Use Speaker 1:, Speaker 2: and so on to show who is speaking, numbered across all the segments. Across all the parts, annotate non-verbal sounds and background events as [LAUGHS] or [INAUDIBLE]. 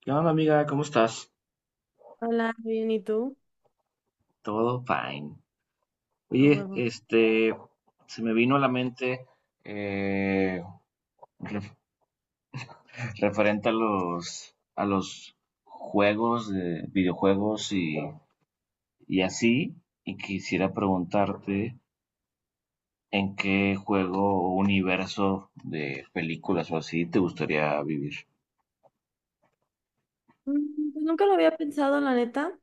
Speaker 1: ¿Qué onda, amiga? ¿Cómo estás?
Speaker 2: Hola, bien, ¿y tú?
Speaker 1: Todo fine.
Speaker 2: A
Speaker 1: Oye,
Speaker 2: huevo.
Speaker 1: este, se me vino a la mente eh, ref- referente a los juegos, de videojuegos y así, y quisiera preguntarte en qué juego o universo de películas o así te gustaría vivir.
Speaker 2: Pues nunca lo había pensado, la neta.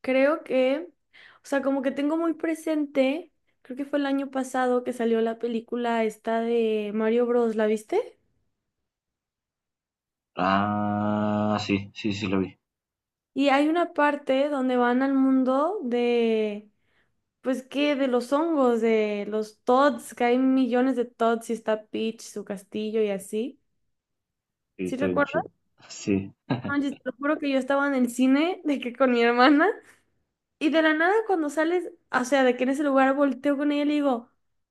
Speaker 2: Creo que, o sea, como que tengo muy presente, creo que fue el año pasado que salió la película esta de Mario Bros, ¿la viste?
Speaker 1: Ah, sí, sí, sí lo vi.
Speaker 2: Y hay una parte donde van al mundo de, pues, ¿qué? De los hongos, de los Todds, que hay millones de Todds y está Peach, su castillo y así.
Speaker 1: Sí,
Speaker 2: ¿Sí
Speaker 1: está bien chido.
Speaker 2: recuerdas?
Speaker 1: Sí.
Speaker 2: No manches, te lo juro que yo estaba en el cine de que con mi hermana. Y de la nada cuando sales, o sea, de que en ese lugar volteo con ella y le digo,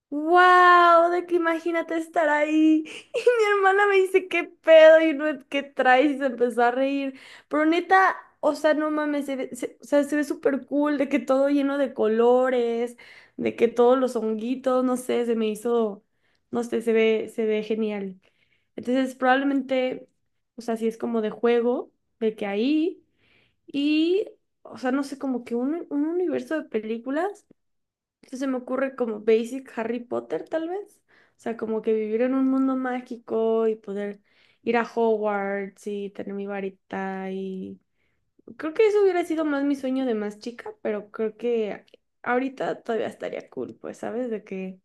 Speaker 2: wow, de que imagínate estar ahí. [LAUGHS] Y mi hermana me dice, ¿qué pedo? Y no, ¿qué traes? Y se empezó a reír. Pero neta, o sea, no mames, o sea, se ve súper cool, de que todo lleno de colores, de que todos los honguitos, no sé, se me hizo, no sé, se ve genial. Entonces, probablemente, o sea, si es como de juego, de que ahí. Y, o sea, no sé, como que un universo de películas entonces se me ocurre como Basic Harry Potter, tal vez. O sea, como que vivir en un mundo mágico y poder ir a Hogwarts y tener mi varita y… Creo que eso hubiera sido más mi sueño de más chica, pero creo que ahorita todavía estaría cool, pues, ¿sabes? De que…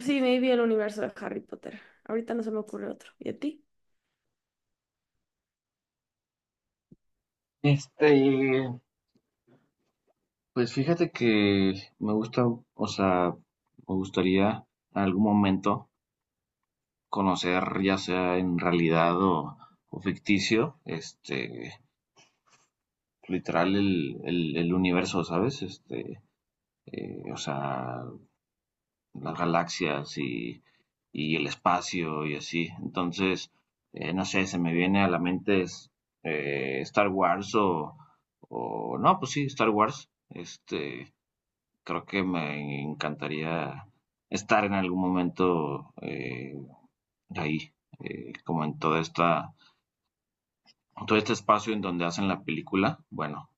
Speaker 2: Sí, maybe el universo de Harry Potter. Ahorita no se me ocurre otro. ¿Y a ti?
Speaker 1: Este, pues fíjate que me gusta, o sea, me gustaría en algún momento conocer, ya sea en realidad o ficticio, este, literal el universo, ¿sabes? O sea, las galaxias y el espacio y así. Entonces, no sé, se me viene a la mente Star Wars o, no, pues sí, Star Wars. Este, creo que me encantaría estar en algún momento ahí, como en todo este espacio en donde hacen la película, bueno,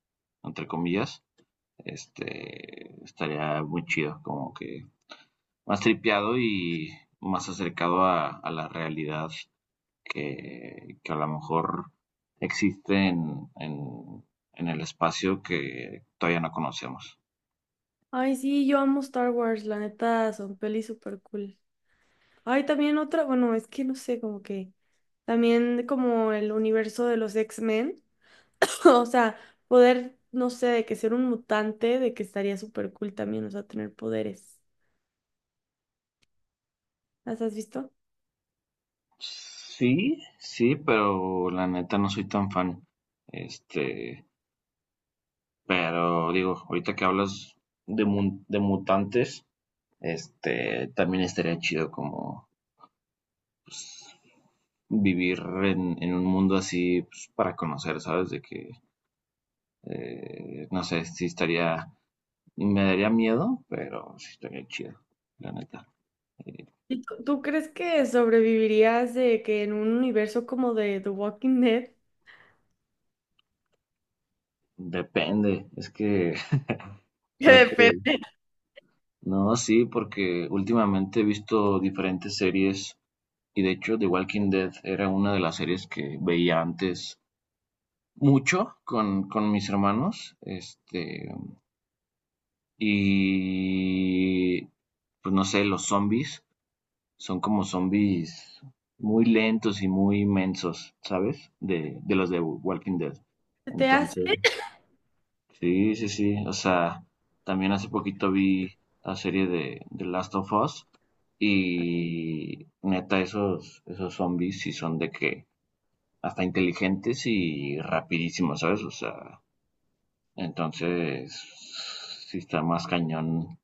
Speaker 1: entre comillas, este, estaría muy chido, como que más tripeado y más acercado a la realidad que a lo mejor existe en el espacio que todavía no conocemos.
Speaker 2: Ay, sí, yo amo Star Wars, la neta, son pelis súper cool. Hay también otra, bueno, es que no sé, como que también como el universo de los X-Men, [CLEARS THROAT] [LAUGHS] o sea, poder, no sé, de que ser un mutante, de que estaría súper cool también, o sea, tener poderes. ¿Las has visto?
Speaker 1: Sí, sí, pero la neta no soy tan fan. Este, pero digo, ahorita que hablas de mutantes, este, también estaría chido como pues, vivir en un mundo así pues, para conocer, ¿sabes? De que, no sé, si estaría, me daría miedo, pero sí estaría chido, la neta. Eh,
Speaker 2: ¿Y tú crees que sobrevivirías de que en un universo como de The Walking Dead? [LAUGHS]
Speaker 1: depende, es que [LAUGHS]
Speaker 2: Que
Speaker 1: creo que,
Speaker 2: depende.
Speaker 1: no, sí, porque últimamente he visto diferentes series. Y de hecho, The Walking Dead era una de las series que veía antes mucho con mis hermanos. Este, y pues no sé, los zombies son como zombies muy lentos y muy inmensos, ¿sabes? De los de Walking Dead.
Speaker 2: ¿Se te hace?
Speaker 1: Entonces, sí, sí, sí. O sea, también hace poquito vi la serie de Last of Us y neta, esos zombies sí son de que hasta inteligentes y rapidísimos, ¿sabes? O sea, entonces sí está más cañón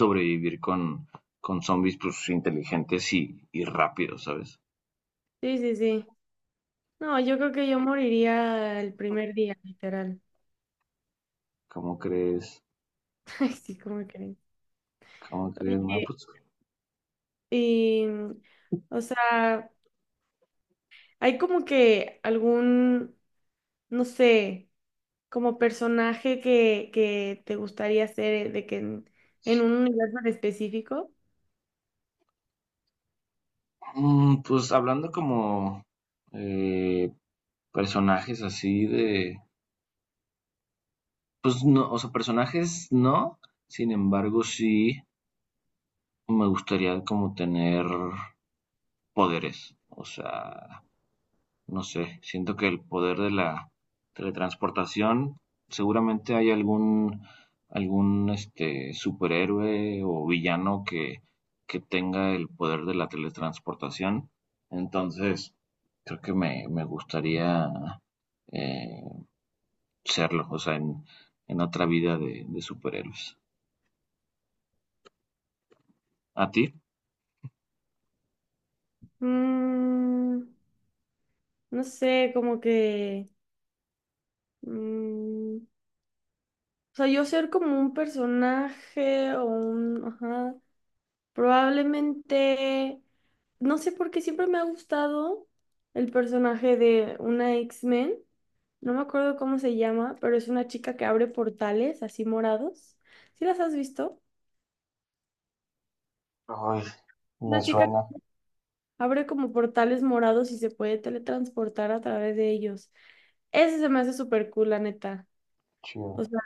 Speaker 1: sobrevivir con zombies pues inteligentes y rápidos, ¿sabes?
Speaker 2: Sí, sí, sí. No, yo creo que yo moriría el primer día, literal.
Speaker 1: ¿Cómo crees?
Speaker 2: [LAUGHS] Ay, sí, ¿cómo creen?
Speaker 1: ¿Cómo crees?
Speaker 2: Oye,
Speaker 1: No, pues,
Speaker 2: y, o sea, hay como que algún, no sé, como personaje que te gustaría ser de que en un universo en específico.
Speaker 1: mm, pues hablando como eh, personajes así de, pues no, o sea, personajes no, sin embargo sí me gustaría como tener poderes, o sea, no sé, siento que el poder de la teletransportación, seguramente hay algún este, superhéroe o villano que tenga el poder de la teletransportación. Entonces, creo que me gustaría eh, serlo, o sea, en otra vida de superhéroes. ¿A ti?
Speaker 2: Mm, no sé, como que… mm, o sea, yo ser como un personaje o un… Ajá. Probablemente, no sé por qué siempre me ha gustado el personaje de una X-Men. No me acuerdo cómo se llama, pero es una chica que abre portales así morados. ¿Sí las has visto?
Speaker 1: Ay, me
Speaker 2: Una chica
Speaker 1: suena
Speaker 2: que abre como portales morados y se puede teletransportar a través de ellos. Ese se me hace súper cool, la neta. O
Speaker 1: chido.
Speaker 2: sea,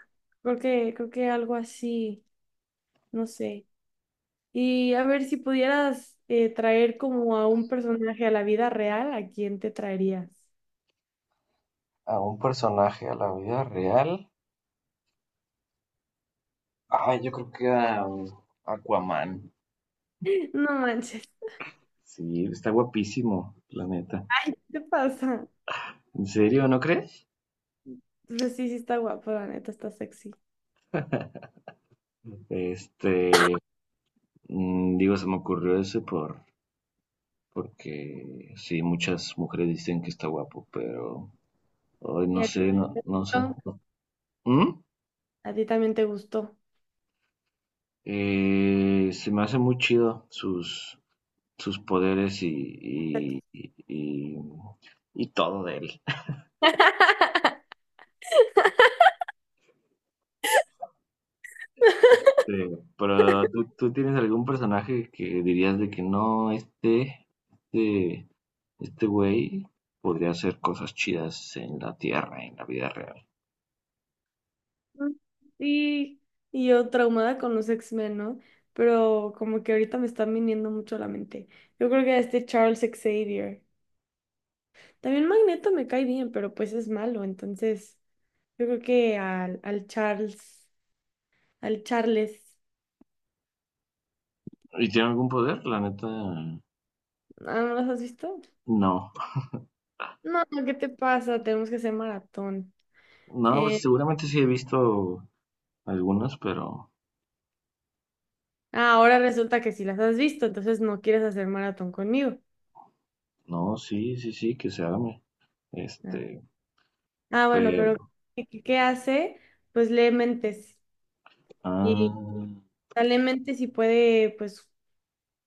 Speaker 2: creo que algo así, no sé. Y a ver si pudieras traer como a un personaje a la vida real, ¿a quién te traerías?
Speaker 1: A un personaje a la vida real. Ay, yo creo que a Aquaman.
Speaker 2: No manches,
Speaker 1: Sí, está guapísimo, la neta.
Speaker 2: ¿qué te pasa?
Speaker 1: ¿En serio, no crees?
Speaker 2: Pero sí, sí está guapo, la neta, está sexy.
Speaker 1: Este, mm, digo, se me ocurrió ese por, porque sí, muchas mujeres dicen que está guapo, pero hoy
Speaker 2: ¿Y
Speaker 1: no
Speaker 2: a ti
Speaker 1: sé, no,
Speaker 2: te
Speaker 1: no sé.
Speaker 2: gustó?
Speaker 1: No. ¿Mm?
Speaker 2: ¿A ti también te gustó?
Speaker 1: Se me hace muy chido sus, sus poderes y todo de él. [LAUGHS]
Speaker 2: [LAUGHS]
Speaker 1: Este, pero ¿tú tienes algún personaje que dirías de que no, este, este este güey podría hacer cosas chidas en la tierra, en la vida real?
Speaker 2: Sí, y yo traumada con los X-Men, ¿no? Pero como que ahorita me están viniendo mucho a la mente. Yo creo que este Charles Xavier. También Magneto me cae bien, pero pues es malo, entonces yo creo que al Charles, al Charles.
Speaker 1: ¿Y tiene algún poder? La neta,
Speaker 2: Ah, ¿no los has visto?
Speaker 1: no.
Speaker 2: No, ¿qué te pasa? Tenemos que hacer maratón.
Speaker 1: No, pues
Speaker 2: Eh,
Speaker 1: seguramente sí he visto algunas, pero
Speaker 2: Ah, ahora resulta que si las has visto, entonces no quieres hacer maratón conmigo.
Speaker 1: no, sí, sí, sí, que se arme.
Speaker 2: Ah,
Speaker 1: Este,
Speaker 2: Ah, bueno, pero
Speaker 1: pero,
Speaker 2: ¿ qué hace? Pues lee mentes. Y o
Speaker 1: ah,
Speaker 2: sea, lee mentes y puede, pues,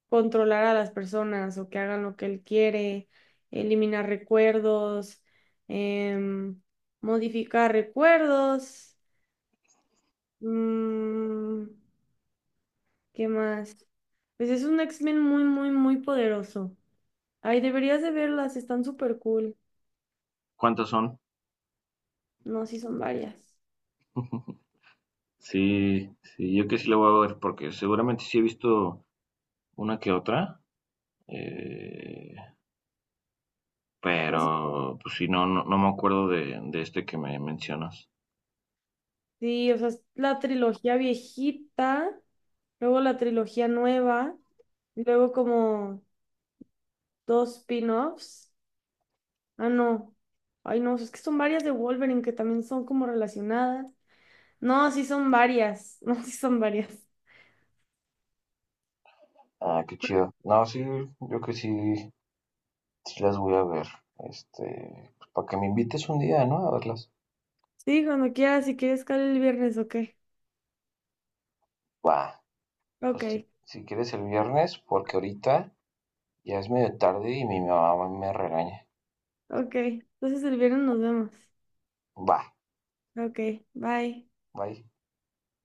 Speaker 2: controlar a las personas o que hagan lo que él quiere, eliminar recuerdos, em, modificar recuerdos. mm, ¿Qué más? Pues es un X-Men muy, muy, muy poderoso. Ay, deberías de verlas, están súper cool.
Speaker 1: ¿cuántas son?
Speaker 2: No, sí son varias.
Speaker 1: [LAUGHS] Sí, sí, yo que sí la voy a ver, porque seguramente sí he visto una que otra, eh,
Speaker 2: No, sí,
Speaker 1: pero pues sí, no, no, no me acuerdo de este que me mencionas.
Speaker 2: Sí, o sea, es la trilogía viejita, luego la trilogía nueva, y luego como dos spin-offs. Ah, no. Ay, no, es que son varias de Wolverine que también son como relacionadas. No, sí son varias. [LAUGHS] No, sí son varias.
Speaker 1: Ah, qué chido. No, sí, yo creo que sí, sí las voy a ver. Este, pues, para que me invites un día, ¿no? A verlas.
Speaker 2: Sí, cuando quieras, si quieres, caer el viernes, ok.
Speaker 1: Va, pues
Speaker 2: Ok,
Speaker 1: si, si quieres el viernes, porque ahorita ya es medio tarde y mi mamá me regaña.
Speaker 2: ok. Entonces el viernes nos vemos.
Speaker 1: Va,
Speaker 2: Ok, bye.
Speaker 1: bye.